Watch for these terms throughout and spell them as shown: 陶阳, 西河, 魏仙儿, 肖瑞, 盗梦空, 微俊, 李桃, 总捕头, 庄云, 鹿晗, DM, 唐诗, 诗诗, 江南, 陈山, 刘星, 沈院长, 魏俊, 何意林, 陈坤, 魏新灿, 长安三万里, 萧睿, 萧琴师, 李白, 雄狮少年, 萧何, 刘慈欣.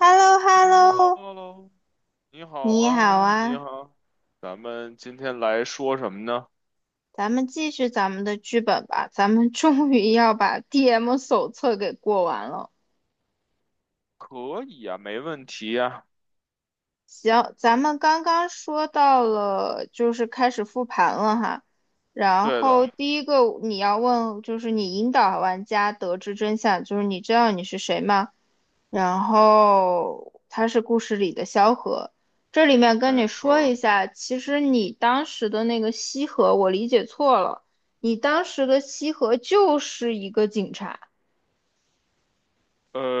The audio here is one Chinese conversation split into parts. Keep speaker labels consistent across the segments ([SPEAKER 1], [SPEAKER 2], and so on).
[SPEAKER 1] h e l l o h
[SPEAKER 2] h
[SPEAKER 1] e l l
[SPEAKER 2] 喽
[SPEAKER 1] o
[SPEAKER 2] l 喽，你好
[SPEAKER 1] 你好
[SPEAKER 2] 啊，你
[SPEAKER 1] 啊，
[SPEAKER 2] 好，咱们今天来说什么呢？
[SPEAKER 1] 咱们继续咱们的剧本吧。咱们终于要把 DM 手册给过完了。
[SPEAKER 2] 可以啊，没问题呀。
[SPEAKER 1] 行，咱们刚刚说到了，就是开始复盘了哈。然
[SPEAKER 2] 对
[SPEAKER 1] 后
[SPEAKER 2] 的，
[SPEAKER 1] 第一个你要问，就是你引导玩家得知真相，就是你知道你是谁吗？然后他是故事里的萧何。这里面跟你
[SPEAKER 2] 没错
[SPEAKER 1] 说
[SPEAKER 2] 儿。
[SPEAKER 1] 一下，其实你当时的那个西河，我理解错了。你当时的西河就是一个警察，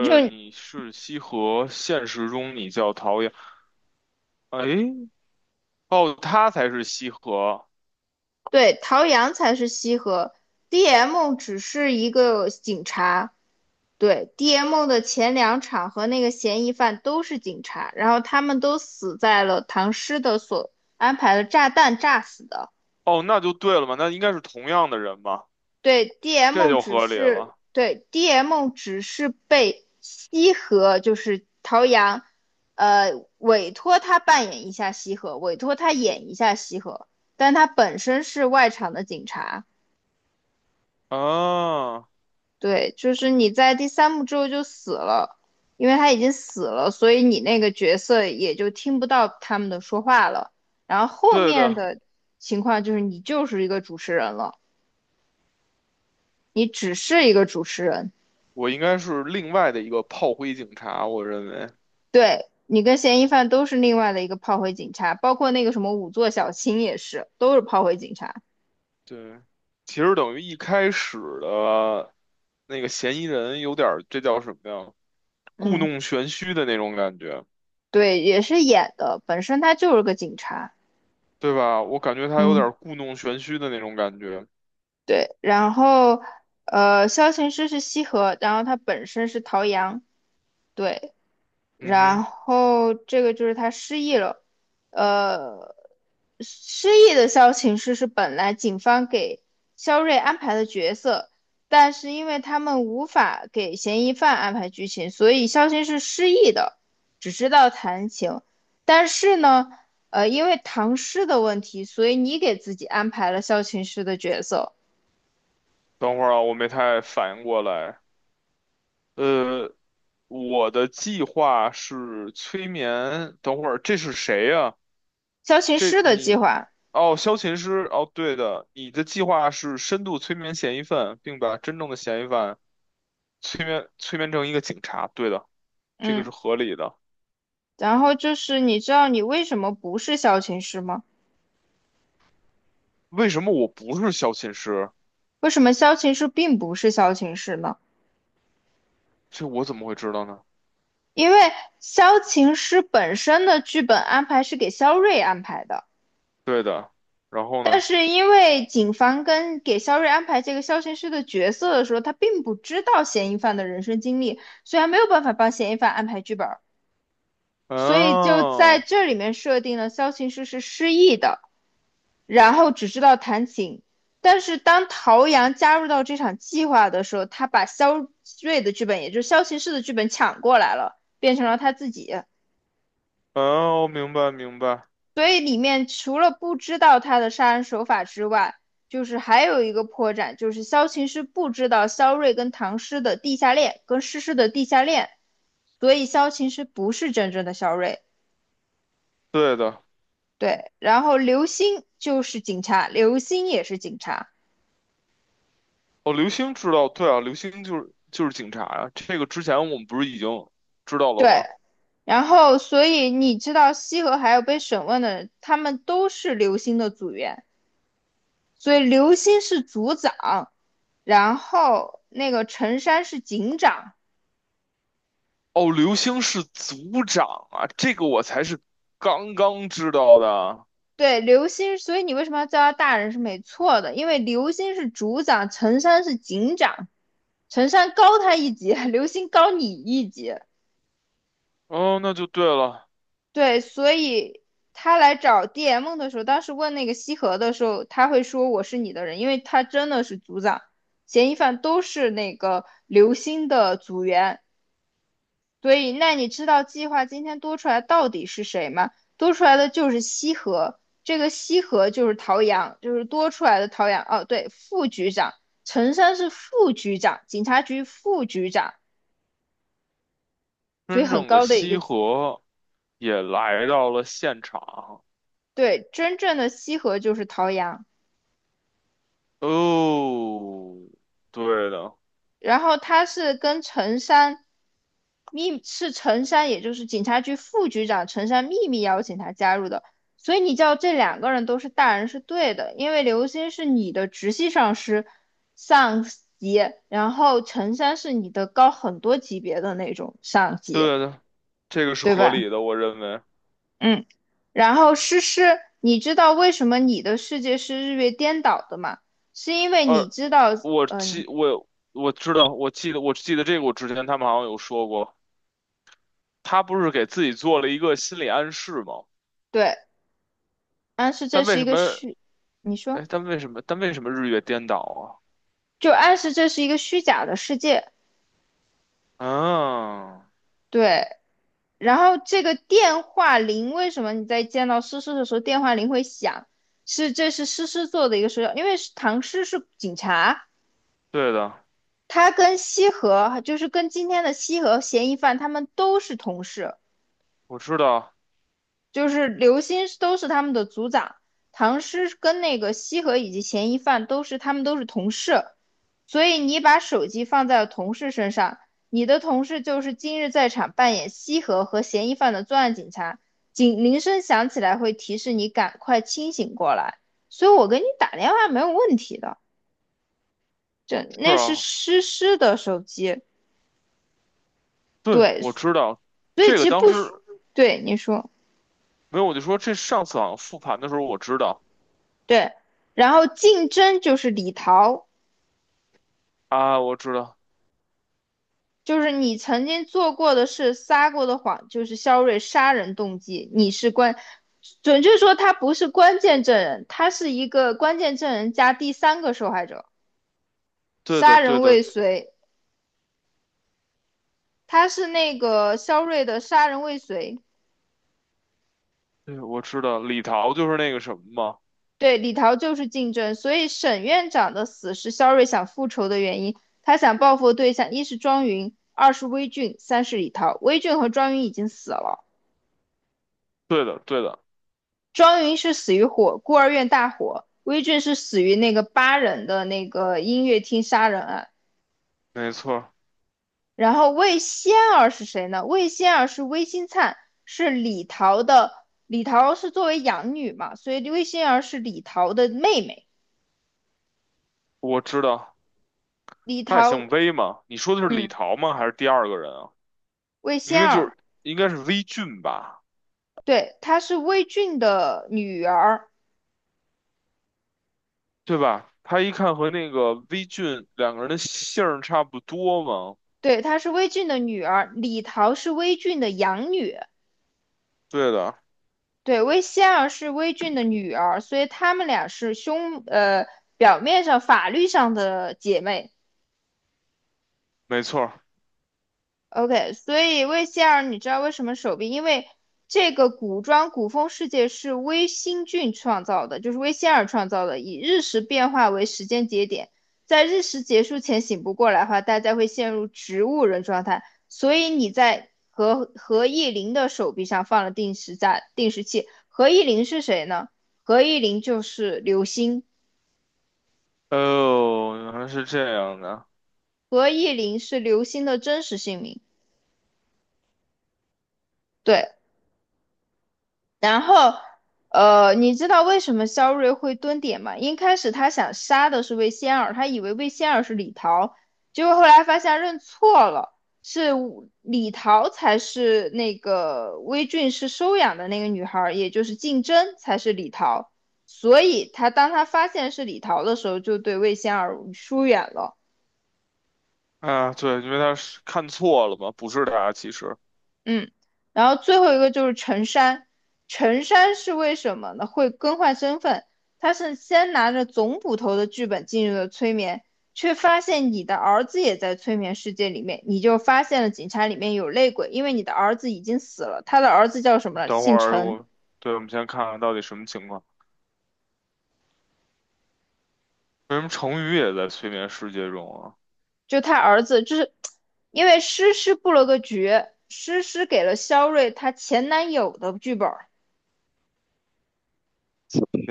[SPEAKER 1] 就
[SPEAKER 2] 你是西河，现实中你叫陶阳。哎，哦，他才是西河。
[SPEAKER 1] 对，陶阳才是西河，DM 只是一个警察。对，DM 的前两场和那个嫌疑犯都是警察，然后他们都死在了唐诗的所安排的炸弹炸死的。
[SPEAKER 2] 哦，那就对了嘛，那应该是同样的人嘛，
[SPEAKER 1] 对
[SPEAKER 2] 这
[SPEAKER 1] ，DM
[SPEAKER 2] 就
[SPEAKER 1] 只
[SPEAKER 2] 合理
[SPEAKER 1] 是
[SPEAKER 2] 了。
[SPEAKER 1] 对 DM 只是被西河，就是陶阳，委托他扮演一下西河，委托他演一下西河，但他本身是外场的警察。
[SPEAKER 2] 啊，
[SPEAKER 1] 对，就是你在第三幕之后就死了，因为他已经死了，所以你那个角色也就听不到他们的说话了。然后后
[SPEAKER 2] 对
[SPEAKER 1] 面
[SPEAKER 2] 的，
[SPEAKER 1] 的情况就是你就是一个主持人了，你只是一个主持人。
[SPEAKER 2] 我应该是另外的一个炮灰警察，我认为。
[SPEAKER 1] 对，你跟嫌疑犯都是另外的一个炮灰警察，包括那个什么五座小青也是，都是炮灰警察。
[SPEAKER 2] 对，其实等于一开始的那个嫌疑人有点儿这叫什么呀？故
[SPEAKER 1] 嗯，
[SPEAKER 2] 弄玄虚的那种感觉，
[SPEAKER 1] 对，也是演的，本身他就是个警察。
[SPEAKER 2] 对吧？我感觉他有点
[SPEAKER 1] 嗯，
[SPEAKER 2] 儿故弄玄虚的那种感觉。
[SPEAKER 1] 对，然后萧琴师是西河，然后他本身是陶阳。对，
[SPEAKER 2] 嗯
[SPEAKER 1] 然
[SPEAKER 2] 哼，
[SPEAKER 1] 后这个就是他失忆了，呃，失忆的萧琴师是本来警方给肖瑞安排的角色，但是因为他们无法给嫌疑犯安排剧情，所以萧琴是失忆的，只知道弹琴。但是呢，因为唐诗的问题，所以你给自己安排了萧琴师的角色，
[SPEAKER 2] 等会儿啊，我没太反应过来。呃，我的计划是催眠。等会儿这是谁呀、
[SPEAKER 1] 萧琴
[SPEAKER 2] 这
[SPEAKER 1] 师的计
[SPEAKER 2] 你，
[SPEAKER 1] 划，
[SPEAKER 2] 哦，萧琴师。哦，对的，你的计划是深度催眠嫌疑犯，并把真正的嫌疑犯。催眠成一个警察，对的，这个
[SPEAKER 1] 嗯，
[SPEAKER 2] 是合理的。
[SPEAKER 1] 然后就是你知道你为什么不是萧琴师吗？
[SPEAKER 2] 为什么我不是小寝室？
[SPEAKER 1] 为什么萧琴师并不是萧琴师呢？
[SPEAKER 2] 这我怎么会知道呢？
[SPEAKER 1] 因为萧琴师本身的剧本安排是给萧睿安排的，
[SPEAKER 2] 对的，然后
[SPEAKER 1] 但
[SPEAKER 2] 呢？
[SPEAKER 1] 是因为警方跟给萧睿安排这个萧琴师的角色的时候，他并不知道嫌疑犯的人生经历，所以他没有办法帮嫌疑犯安排剧本，所以就在
[SPEAKER 2] 哦
[SPEAKER 1] 这里面设定了萧琴师是失忆的，然后只知道弹琴。但是当陶阳加入到这场计划的时候，他把肖瑞的剧本，也就是萧骑士的剧本抢过来了，变成了他自己。
[SPEAKER 2] 哦，明白明白，
[SPEAKER 1] 所以里面除了不知道他的杀人手法之外，就是还有一个破绽，就是萧琴师不知道萧睿跟唐诗的地下恋，跟诗诗的地下恋，所以萧琴师不是真正的萧睿。
[SPEAKER 2] 对的。
[SPEAKER 1] 对，然后刘星就是警察，刘星也是警察。
[SPEAKER 2] 哦，刘星知道，对啊，刘星就是警察啊。这个之前我们不是已经知道了
[SPEAKER 1] 对，
[SPEAKER 2] 吗？
[SPEAKER 1] 然后，所以你知道西河还有被审问的人，他们都是刘星的组员，所以刘星是组长，然后那个陈山是警长。
[SPEAKER 2] 哦，刘星是组长啊，这个我才是刚刚知道的。
[SPEAKER 1] 对，刘星，所以你为什么要叫他大人是没错的，因为刘星是组长，陈山是警长，陈山高他一级，刘星高你一级，
[SPEAKER 2] 哦，那就对了，
[SPEAKER 1] 对，所以他来找 DM 的时候，当时问那个西河的时候，他会说我是你的人，因为他真的是组长，嫌疑犯都是那个刘星的组员，所以那你知道计划今天多出来到底是谁吗？多出来的就是西河，这个西河就是陶阳，就是多出来的陶阳。哦，对，副局长，陈山是副局长，警察局副局长，所以
[SPEAKER 2] 真
[SPEAKER 1] 很
[SPEAKER 2] 正的
[SPEAKER 1] 高的一
[SPEAKER 2] 西
[SPEAKER 1] 个级，
[SPEAKER 2] 河也来到了现场。
[SPEAKER 1] 对，真正的西河就是陶阳。
[SPEAKER 2] 哦，对的，
[SPEAKER 1] 然后他是跟陈山是陈山，也就是警察局副局长陈山秘密邀请他加入的，所以你叫这两个人都是大人是对的，因为刘星是你的直系上级，然后陈山是你的高很多级别的那种上级，
[SPEAKER 2] 对的，这个是
[SPEAKER 1] 对
[SPEAKER 2] 合
[SPEAKER 1] 吧？
[SPEAKER 2] 理的，我认为。
[SPEAKER 1] 嗯，然后诗诗，你知道为什么你的世界是日月颠倒的吗？是因为你
[SPEAKER 2] 而
[SPEAKER 1] 知道，
[SPEAKER 2] 我
[SPEAKER 1] 嗯、
[SPEAKER 2] 记我我知道，我记得这个，我之前他们好像有说过，他不是给自己做了一个心理暗示吗？
[SPEAKER 1] 对，但是这
[SPEAKER 2] 但为
[SPEAKER 1] 是一
[SPEAKER 2] 什
[SPEAKER 1] 个
[SPEAKER 2] 么？
[SPEAKER 1] 虚，你
[SPEAKER 2] 哎，
[SPEAKER 1] 说。
[SPEAKER 2] 但为什么？但为什么日月颠倒
[SPEAKER 1] 就暗示这是一个虚假的世界。
[SPEAKER 2] 啊？啊，
[SPEAKER 1] 对，然后这个电话铃为什么你在见到诗诗的时候电话铃会响？是这是诗诗做的一个手脚，因为是唐诗是警察，
[SPEAKER 2] 对的，
[SPEAKER 1] 他跟西河就是跟今天的西河嫌疑犯他们都是同事，
[SPEAKER 2] 我知道，
[SPEAKER 1] 就是刘歆都是他们的组长，唐诗跟那个西河以及嫌疑犯都是他们都是同事，所以你把手机放在了同事身上，你的同事就是今日在场扮演西河和嫌疑犯的作案警察，警铃声响起来会提示你赶快清醒过来，所以我给你打电话没有问题的，这
[SPEAKER 2] 是
[SPEAKER 1] 那是
[SPEAKER 2] 啊，
[SPEAKER 1] 诗诗的手机，
[SPEAKER 2] 对，
[SPEAKER 1] 对，
[SPEAKER 2] 我知道，
[SPEAKER 1] 所以
[SPEAKER 2] 这
[SPEAKER 1] 其
[SPEAKER 2] 个
[SPEAKER 1] 实
[SPEAKER 2] 当
[SPEAKER 1] 不需，
[SPEAKER 2] 时
[SPEAKER 1] 对你说
[SPEAKER 2] 没有，我就说这上次好像复盘的时候我知道
[SPEAKER 1] 对，然后竞争就是李桃。
[SPEAKER 2] 啊，我知道，
[SPEAKER 1] 就是你曾经做过的事、撒过的谎，就是肖瑞杀人动机。你是关，准确说他不是关键证人，他是一个关键证人加第三个受害者，
[SPEAKER 2] 对的，
[SPEAKER 1] 杀
[SPEAKER 2] 对
[SPEAKER 1] 人
[SPEAKER 2] 的，
[SPEAKER 1] 未遂。他是那个肖瑞的杀人未遂，
[SPEAKER 2] 对，我知道李桃就是那个什么吗？
[SPEAKER 1] 对李桃就是竞争，所以沈院长的死是肖瑞想复仇的原因。他想报复的对象一是庄云，二是微俊，三是李桃。微俊和庄云已经死了。
[SPEAKER 2] 对的，对的，
[SPEAKER 1] 庄云是死于火，孤儿院大火；威震是死于那个八人的那个音乐厅杀人案。
[SPEAKER 2] 没错
[SPEAKER 1] 然后魏仙儿是谁呢？魏仙儿是魏新灿，是李桃的。李桃是作为养女嘛，所以魏仙儿是李桃的妹妹。
[SPEAKER 2] 我知道。
[SPEAKER 1] 李
[SPEAKER 2] 他也
[SPEAKER 1] 桃，
[SPEAKER 2] 姓魏嘛？你说的是李
[SPEAKER 1] 嗯，
[SPEAKER 2] 桃吗？还是第二个人啊？
[SPEAKER 1] 魏
[SPEAKER 2] 明
[SPEAKER 1] 仙
[SPEAKER 2] 明就
[SPEAKER 1] 儿，
[SPEAKER 2] 是应该是微俊吧，
[SPEAKER 1] 对，她是魏俊的女儿，
[SPEAKER 2] 对吧？他一看和那个微俊两个人的姓儿差不多吗？
[SPEAKER 1] 对，她是魏俊的女儿。李桃是魏俊的养女，
[SPEAKER 2] 对的，
[SPEAKER 1] 对，薇仙尔是薇俊的女儿，所以她们俩是表面上法律上的姐妹，
[SPEAKER 2] 没错
[SPEAKER 1] OK，所以魏希尔，你知道为什么手臂？因为这个古装古风世界是微星俊创造的，就是魏仙儿创造的，以日食变化为时间节点，在日食结束前醒不过来的话，大家会陷入植物人状态。所以你在何意林的手臂上放了定时器。何意林是谁呢？何意林就是刘星，
[SPEAKER 2] 哦，原来是这样的。
[SPEAKER 1] 何意林是刘星的真实姓名。对，然后，你知道为什么肖瑞会蹲点吗？一开始他想杀的是魏仙儿，他以为魏仙儿是李桃，结果后来发现认错了，是李桃才是那个魏俊是收养的那个女孩儿，也就是竞争才是李桃。所以当他发现是李桃的时候，就对魏仙儿疏远了。
[SPEAKER 2] 啊，对，因为他是看错了吧？不是他。其实，
[SPEAKER 1] 嗯，然后最后一个就是陈山，陈山是为什么呢？会更换身份，他是先拿着总捕头的剧本进入了催眠，却发现你的儿子也在催眠世界里面，你就发现了警察里面有内鬼，因为你的儿子已经死了，他的儿子叫什么了？
[SPEAKER 2] 等会
[SPEAKER 1] 姓
[SPEAKER 2] 儿
[SPEAKER 1] 陈，
[SPEAKER 2] 我，对，我们先看看到底什么情况。为什么成语也在催眠世界中啊？
[SPEAKER 1] 就他儿子，就是因为诗诗布了个局，诗诗给了肖瑞她前男友的剧本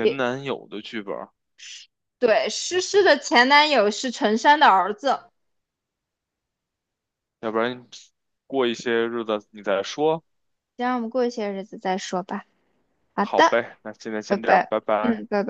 [SPEAKER 1] 也
[SPEAKER 2] 男友的剧本
[SPEAKER 1] 对，诗诗的前男友是陈山的儿子。
[SPEAKER 2] 要不然过一些日子你再说。
[SPEAKER 1] 先让我们过一些日子再说吧。好
[SPEAKER 2] 好
[SPEAKER 1] 的，
[SPEAKER 2] 呗，那今天
[SPEAKER 1] 拜
[SPEAKER 2] 先这样，
[SPEAKER 1] 拜。
[SPEAKER 2] 拜
[SPEAKER 1] 嗯，
[SPEAKER 2] 拜。
[SPEAKER 1] 拜拜。